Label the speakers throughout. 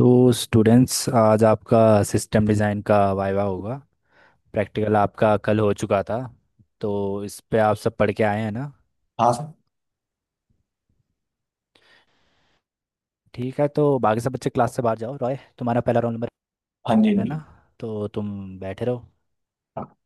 Speaker 1: तो स्टूडेंट्स आज आपका सिस्टम डिज़ाइन का वाइवा होगा। प्रैक्टिकल आपका कल हो चुका था, तो इस पे आप सब पढ़ के आए हैं ना।
Speaker 2: हाँ सर।
Speaker 1: ठीक है, तो बाकी सब बच्चे क्लास से बाहर जाओ। रॉय, तुम्हारा पहला रोल नंबर
Speaker 2: हाँ जी
Speaker 1: है ना,
Speaker 2: जी।
Speaker 1: तो तुम बैठे रहो।
Speaker 2: हाँ।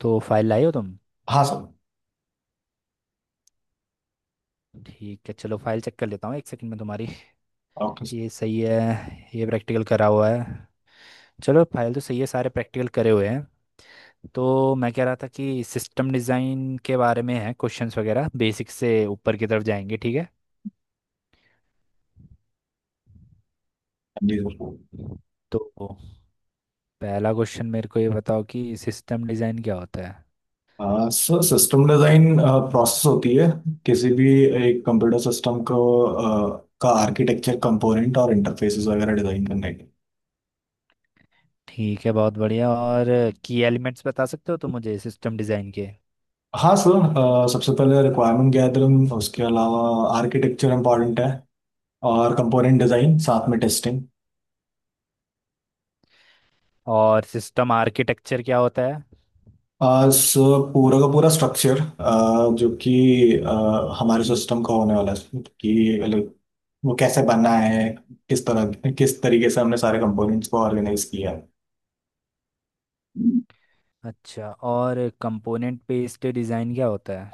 Speaker 1: तो फाइल लाए हो तुम?
Speaker 2: हाँ सर।
Speaker 1: ठीक है, चलो फाइल चेक कर लेता हूँ एक सेकंड में तुम्हारी।
Speaker 2: Okay sir.
Speaker 1: ये सही है, ये प्रैक्टिकल करा हुआ है। चलो फाइल तो सही है, सारे प्रैक्टिकल करे हुए हैं। तो मैं कह रहा था कि सिस्टम डिज़ाइन के बारे में है क्वेश्चंस वगैरह, बेसिक से ऊपर की तरफ जाएंगे, ठीक है।
Speaker 2: हाँ जी।
Speaker 1: तो पहला क्वेश्चन मेरे को ये बताओ कि सिस्टम डिज़ाइन क्या होता है।
Speaker 2: Sir sir system design process होती है किसी भी एक कंप्यूटर सिस्टम को का आर्किटेक्चर कंपोनेंट और इंटरफेसेस वगैरह डिज़ाइन करने के।
Speaker 1: ठीक है, बहुत बढ़िया। और की एलिमेंट्स बता सकते हो तो मुझे सिस्टम डिज़ाइन के।
Speaker 2: हाँ सर। सबसे पहले रिक्वायरमेंट गैदरिंग, उसके अलावा आर्किटेक्चर इम्पॉर्टेंट है, और कंपोनेंट डिज़ाइन साथ में टेस्टिंग।
Speaker 1: और सिस्टम आर्किटेक्चर क्या होता है?
Speaker 2: सो पूरा का पूरा स्ट्रक्चर जो कि हमारे सिस्टम का होने वाला है कि like, वो कैसे बना है, किस तरह किस तरीके से हमने सारे कंपोनेंट्स को ऑर्गेनाइज किया है।
Speaker 1: अच्छा, और कंपोनेंट बेस्ड डिज़ाइन क्या होता है?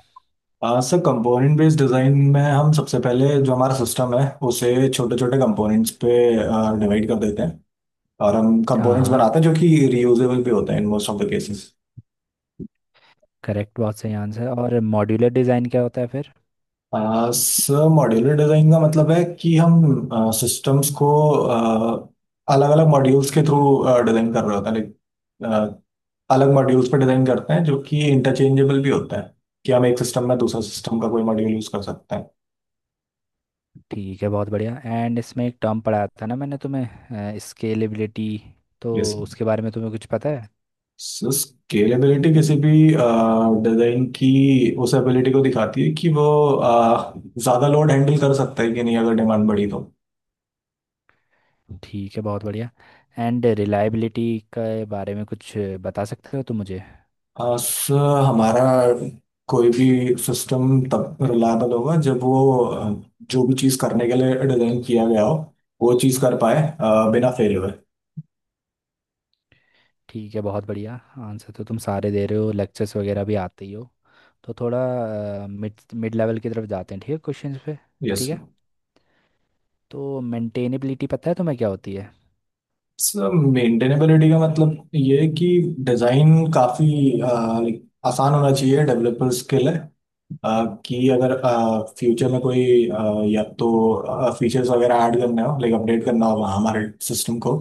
Speaker 2: सर कंपोनेंट बेस्ड डिज़ाइन में हम सबसे पहले जो हमारा सिस्टम है उसे छोटे छोटे कंपोनेंट्स पे डिवाइड कर देते हैं, और हम
Speaker 1: हाँ
Speaker 2: कंपोनेंट्स
Speaker 1: हाँ।
Speaker 2: बनाते हैं जो कि रियूजेबल भी होते हैं in most of the cases.
Speaker 1: Correct, बहुत सही आंसर। और मॉड्यूलर डिज़ाइन क्या होता है फिर?
Speaker 2: सर मॉड्यूलर डिजाइन का मतलब है कि हम सिस्टम्स को अलग अलग मॉड्यूल्स के थ्रू डिजाइन कर रहे होते हैं, लाइक अलग मॉड्यूल्स पर डिजाइन करते हैं जो कि इंटरचेंजेबल भी होता है कि हम एक सिस्टम में दूसरा सिस्टम का कोई मॉड्यूल यूज कर सकते हैं।
Speaker 1: ठीक है, बहुत बढ़िया। एंड इसमें एक टर्म पढ़ाया था ना मैंने तुम्हें, स्केलेबिलिटी। तो
Speaker 2: जैसे
Speaker 1: उसके बारे में तुम्हें कुछ पता है?
Speaker 2: सो स्केलेबिलिटी किसी भी डिजाइन की उस एबिलिटी को दिखाती है कि वो ज़्यादा लोड हैंडल कर सकता है कि नहीं अगर डिमांड बढ़ी तो।
Speaker 1: ठीक है, बहुत बढ़िया। एंड रिलायबिलिटी के बारे में कुछ बता सकते हो तुम मुझे?
Speaker 2: सर हमारा कोई भी सिस्टम तब रिलायबल होगा जब वो जो भी चीज़ करने के लिए डिज़ाइन किया गया हो वो चीज़ कर पाए बिना फेल हुए।
Speaker 1: ठीक है, बहुत बढ़िया। आंसर तो तुम सारे दे रहे हो, लेक्चर्स वगैरह भी आते ही हो। तो थोड़ा मिड मिड लेवल की तरफ जाते हैं, ठीक है, क्वेश्चंस पे।
Speaker 2: यस।
Speaker 1: ठीक है, तो मेंटेनेबिलिटी पता है तुम्हें क्या होती है?
Speaker 2: सर मेंटेनेबिलिटी का मतलब ये है कि डिज़ाइन काफ़ी आसान होना चाहिए डेवलपर्स के लिए, कि अगर फ्यूचर में कोई या तो फीचर्स वगैरह ऐड करने हो लाइक अपडेट करना हो हमारे सिस्टम को,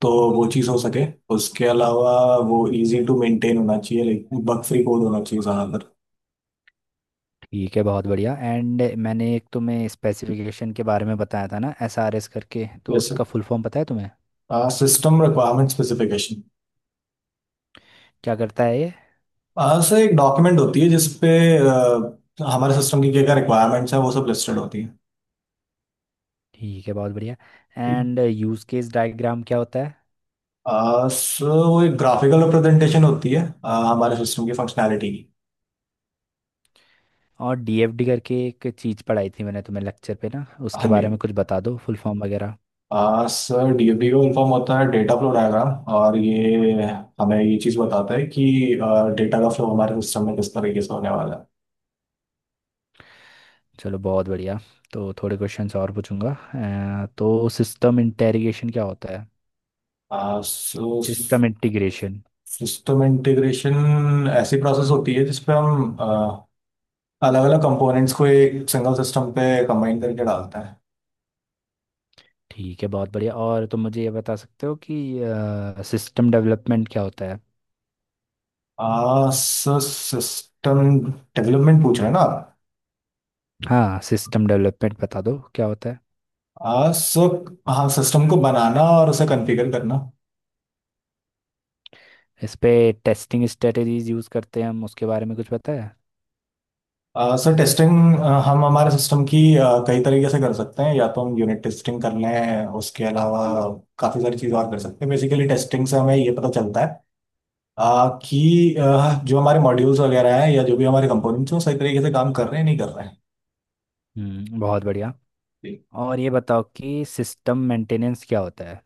Speaker 2: तो वो चीज़ हो सके। उसके अलावा वो इजी टू मेंटेन होना चाहिए, लाइक बग फ्री कोड होना चाहिए ज़्यादातर।
Speaker 1: ठीक है, बहुत बढ़िया। एंड मैंने एक तुम्हें स्पेसिफिकेशन के बारे में बताया था ना, SRS करके, तो
Speaker 2: वैसे
Speaker 1: उसका फुल फॉर्म पता है तुम्हें?
Speaker 2: System requirement specification.
Speaker 1: क्या करता है ये?
Speaker 2: सर एक डॉक्यूमेंट होती है जिसपे अ, हमारे सिस्टम की क्या क्या रिक्वायरमेंट्स हैं वो सब लिस्टेड होती है।
Speaker 1: ठीक है, बहुत बढ़िया। एंड यूज़ केस डायग्राम क्या होता है?
Speaker 2: सर वो एक ग्राफिकल रिप्रेजेंटेशन होती है हमारे सिस्टम की फंक्शनैलिटी की।
Speaker 1: और DFD करके एक चीज़ पढ़ाई थी मैंने तुम्हें लेक्चर पे ना,
Speaker 2: हाँ
Speaker 1: उसके बारे
Speaker 2: जी।
Speaker 1: में कुछ बता दो, फुल फॉर्म वगैरह।
Speaker 2: सर डीएफडी इन्फॉर्म होता है डेटा फ्लो डायग्राम, और ये हमें ये चीज़ बताता है कि डेटा का फ्लो हमारे सिस्टम में किस तरीके से होने वाला है।
Speaker 1: चलो, बहुत बढ़िया। तो थोड़े क्वेश्चंस और पूछूंगा। तो सिस्टम इंटेरिगेशन क्या होता है?
Speaker 2: सो
Speaker 1: सिस्टम इंटीग्रेशन।
Speaker 2: सिस्टम इंटीग्रेशन ऐसी प्रोसेस होती है जिसपे हम अलग अलग कंपोनेंट्स को एक सिंगल सिस्टम पे कंबाइन करके डालते हैं।
Speaker 1: ठीक है, बहुत बढ़िया। और तुम मुझे ये बता सकते हो कि सिस्टम डेवलपमेंट क्या होता है?
Speaker 2: सर सिस्टम डेवलपमेंट पूछ रहे हैं ना आप?
Speaker 1: हाँ, सिस्टम डेवलपमेंट बता दो क्या होता है।
Speaker 2: सो हाँ, सिस्टम को बनाना और उसे कॉन्फ़िगर करना।
Speaker 1: इस पे टेस्टिंग स्ट्रेटेजीज यूज़ करते हैं हम, उसके बारे में कुछ पता है?
Speaker 2: सर टेस्टिंग हम हमारे सिस्टम की कई तरीके से कर सकते हैं, या तो हम यूनिट टेस्टिंग कर लें, उसके अलावा काफ़ी सारी चीज़ और कर सकते हैं। बेसिकली टेस्टिंग से हमें ये पता चलता है कि जो हमारे मॉड्यूल्स वगैरह हैं या जो भी हमारे कंपोनेंट्स हैं वो सही तरीके से काम कर रहे हैं नहीं कर रहे हैं।
Speaker 1: बहुत बढ़िया। और ये बताओ कि सिस्टम मेंटेनेंस क्या होता है?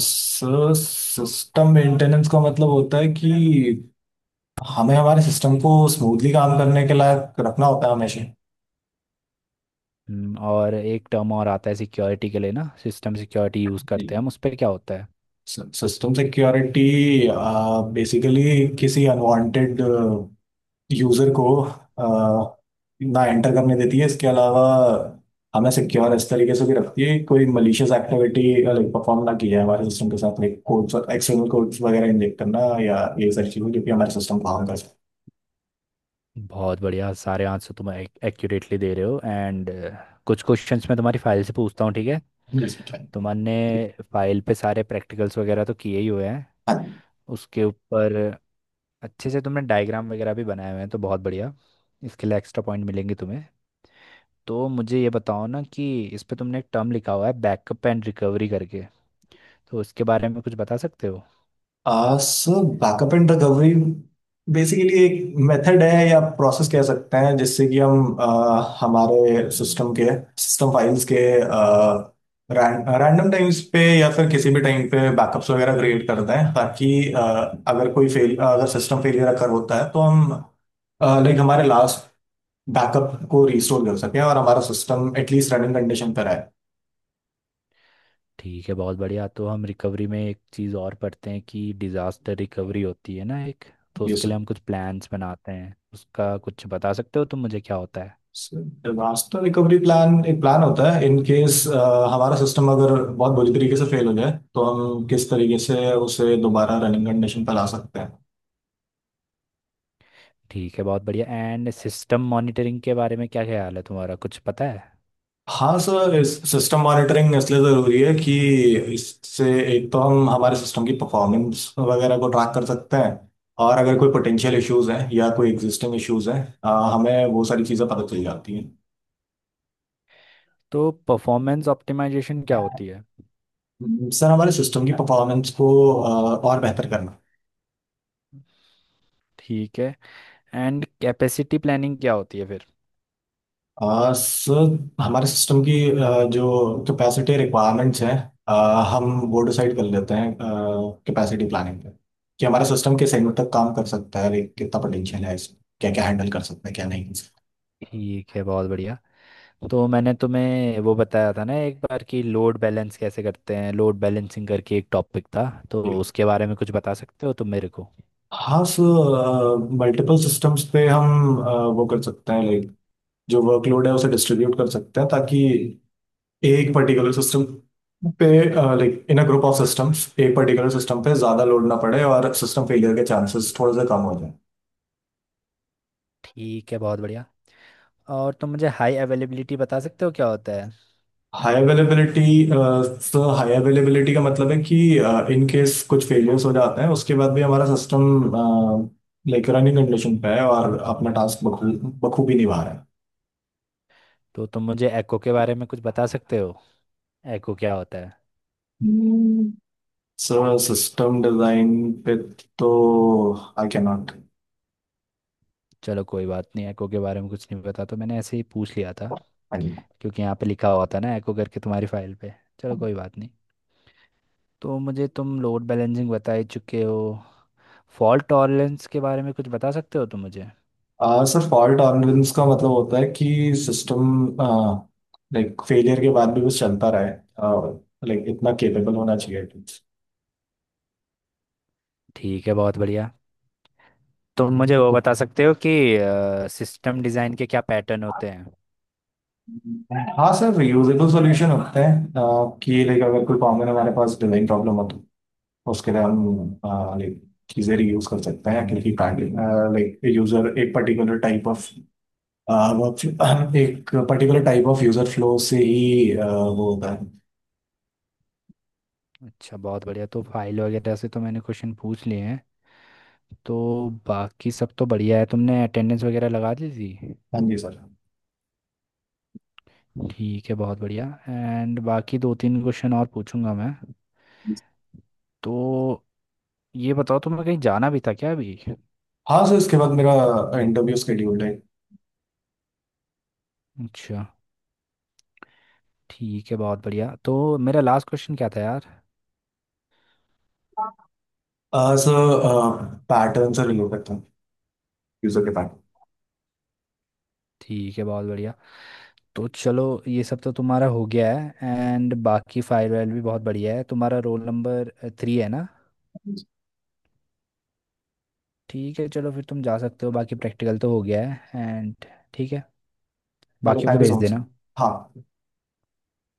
Speaker 2: सर सिस्टम मेंटेनेंस का मतलब होता है कि हमें हमारे सिस्टम को स्मूथली काम करने के लायक रखना होता है हमेशा।
Speaker 1: और एक टर्म और आता है सिक्योरिटी के लिए ना, सिस्टम सिक्योरिटी यूज़ करते हैं
Speaker 2: जी।
Speaker 1: हम उस पे, क्या होता है?
Speaker 2: सिस्टम सिक्योरिटी बेसिकली किसी अनवांटेड यूजर को ना एंटर करने देती है, इसके अलावा हमें सिक्योर इस तरीके से भी रखती है कि कोई मलिशियस एक्टिविटी लाइक परफॉर्म ना की जाए हमारे सिस्टम के साथ, लाइक कोड्स एक्सटर्नल कोड्स वगैरह इंजेक्ट करना या ये सारी चीजें जो कि हमारे सिस्टम को हार्म कर
Speaker 1: बहुत बढ़िया, सारे आंसर तुम एक्यूरेटली दे रहे हो। एंड कुछ क्वेश्चंस मैं तुम्हारी फाइल से पूछता हूँ, ठीक है।
Speaker 2: सकते हैं।
Speaker 1: तुमने फाइल पे सारे प्रैक्टिकल्स वगैरह तो किए ही हुए हैं।
Speaker 2: हाँ।
Speaker 1: उसके ऊपर अच्छे से तुमने डायग्राम वगैरह भी बनाए हुए हैं, तो बहुत बढ़िया। इसके लिए एक्स्ट्रा पॉइंट मिलेंगे तुम्हें। तो मुझे ये बताओ ना कि इस पे तुमने एक टर्म लिखा हुआ है, बैकअप एंड रिकवरी करके, तो उसके बारे में कुछ बता सकते हो?
Speaker 2: सो बैकअप एंड रिकवरी बेसिकली एक मेथड है या प्रोसेस कह सकते हैं जिससे कि हम हमारे सिस्टम के सिस्टम फाइल्स के रैंडम टाइम्स पे या फिर किसी भी टाइम पे बैकअप्स वगैरह क्रिएट करते हैं ताकि अगर सिस्टम फेलियर अगर होता है तो हम लाइक हमारे लास्ट बैकअप को रिस्टोर कर सकें और हमारा सिस्टम एटलीस्ट रनिंग कंडीशन पर आए।
Speaker 1: ठीक है, बहुत बढ़िया। तो हम रिकवरी में एक चीज़ और पढ़ते हैं कि डिज़ास्टर रिकवरी होती है ना एक, तो
Speaker 2: ये
Speaker 1: उसके लिए
Speaker 2: सब
Speaker 1: हम कुछ प्लान्स बनाते हैं, उसका कुछ बता सकते हो तुम मुझे क्या होता है?
Speaker 2: डिजास्टर रिकवरी प्लान एक प्लान होता है इन केस हमारा सिस्टम अगर बहुत बुरी तरीके से फेल हो जाए तो हम किस तरीके से उसे दोबारा रनिंग कंडीशन पर ला सकते हैं।
Speaker 1: ठीक है, बहुत बढ़िया। एंड सिस्टम मॉनिटरिंग के बारे में क्या ख्याल है तुम्हारा, कुछ पता है?
Speaker 2: हाँ सर इस सिस्टम मॉनिटरिंग इसलिए ज़रूरी है कि इससे एक तो हम हमारे सिस्टम की परफॉर्मेंस वगैरह को ट्रैक कर सकते हैं, और अगर कोई पोटेंशियल इश्यूज हैं या कोई एग्जिस्टिंग इश्यूज हैं हमें वो सारी चीज़ें पता चल जाती
Speaker 1: तो परफॉर्मेंस ऑप्टिमाइजेशन क्या होती है?
Speaker 2: हैं। सर हमारे सिस्टम की परफॉर्मेंस को अ, और बेहतर करना।
Speaker 1: ठीक है। एंड कैपेसिटी प्लानिंग क्या होती है फिर?
Speaker 2: सर हमारे सिस्टम की जो कैपेसिटी रिक्वायरमेंट्स हैं हम वो डिसाइड कर लेते हैं कैपेसिटी प्लानिंग पे कि हमारा सिस्टम किस एंड तक काम कर सकता है, like, कितना पोटेंशियल है इसमें, क्या क्या हैंडल कर सकता है क्या नहीं कर सकता।
Speaker 1: ठीक है, बहुत बढ़िया। तो मैंने तुम्हें वो बताया था ना एक बार कि लोड बैलेंस कैसे करते हैं, लोड बैलेंसिंग करके एक टॉपिक था, तो
Speaker 2: जी।
Speaker 1: उसके बारे में कुछ बता सकते हो तुम मेरे को?
Speaker 2: हाँ सर मल्टीपल सिस्टम्स पे हम वो कर सकते हैं, लाइक जो वर्कलोड है उसे डिस्ट्रीब्यूट कर सकते हैं ताकि एक पर्टिकुलर सिस्टम पे like in uh group of systems एक पर्टिकुलर सिस्टम पे ज्यादा लोड ना पड़े और सिस्टम फेलियर के चांसेस थोड़े से कम हो।
Speaker 1: ठीक है, बहुत बढ़िया। और तुम मुझे हाई अवेलेबिलिटी बता सकते हो क्या होता है?
Speaker 2: High availability. Sir high availability का मतलब है कि इन केस कुछ फेलियर्स हो जाते हैं उसके बाद भी हमारा सिस्टम लाइक रनिंग कंडीशन पे है और अपना टास्क बखूबी निभा रहा है।
Speaker 1: तो तुम मुझे एको के बारे में कुछ बता सकते हो, एको क्या होता है?
Speaker 2: हम्म, सर सिस्टम डिजाइन पे तो आई कैन नॉट।
Speaker 1: चलो कोई बात नहीं, एको के बारे में कुछ नहीं पता, तो मैंने ऐसे ही पूछ लिया था क्योंकि यहाँ पे लिखा हुआ था ना एको करके तुम्हारी फाइल पे। चलो कोई बात नहीं। तो मुझे तुम लोड बैलेंसिंग बता ही चुके हो, फॉल्ट टॉलरेंस के बारे में कुछ बता सकते हो तुम मुझे?
Speaker 2: सर फॉल्ट टॉलरेंस का मतलब होता है कि सिस्टम लाइक फेलियर के बाद भी बस चलता रहे, लाइक इतना केपेबल होना चाहिए।
Speaker 1: ठीक है, बहुत बढ़िया। तुम मुझे वो बता सकते हो कि सिस्टम डिज़ाइन के क्या पैटर्न होते हैं?
Speaker 2: हाँ सर यूजेबल सॉल्यूशन होते हैं कि लाइक अगर कोई कॉमन हमारे पास डिजाइन प्रॉब्लम हो तो उसके लिए हम लाइक चीज़ें रीयूज कर सकते हैं क्योंकि लाइक यूजर एक पर्टिकुलर टाइप ऑफ वर्क एक particular type of user flow से ही वो होता है।
Speaker 1: अच्छा, बहुत बढ़िया। तो फाइल वगैरह से तो मैंने क्वेश्चन पूछ लिए हैं, तो बाकी सब तो बढ़िया है, तुमने अटेंडेंस वगैरह लगा दी थी।
Speaker 2: हाँ जी सर।
Speaker 1: ठीक है, बहुत बढ़िया। एंड बाकी दो तीन क्वेश्चन और पूछूंगा मैं, तो ये बताओ तुम्हें कहीं जाना भी था क्या अभी?
Speaker 2: हाँ सर इसके बाद मेरा इंटरव्यू स्केड्यूल्ड है।
Speaker 1: अच्छा, ठीक है, बहुत बढ़िया। तो मेरा लास्ट क्वेश्चन क्या था यार?
Speaker 2: सर पैटर्न सर रिव्यू करता हूँ, यूजर के पैटर्न।
Speaker 1: ठीक है, बहुत बढ़िया। तो चलो ये सब तो तुम्हारा हो गया है। एंड बाकी फायर वायर भी बहुत बढ़िया है तुम्हारा। रोल नंबर 3 है ना? ठीक है, चलो फिर तुम जा सकते हो, बाकी प्रैक्टिकल तो हो गया है। एंड ठीक है,
Speaker 2: ओके
Speaker 1: बाकियों को
Speaker 2: थैंक यू
Speaker 1: भेज
Speaker 2: सो मच।
Speaker 1: देना।
Speaker 2: हाँ।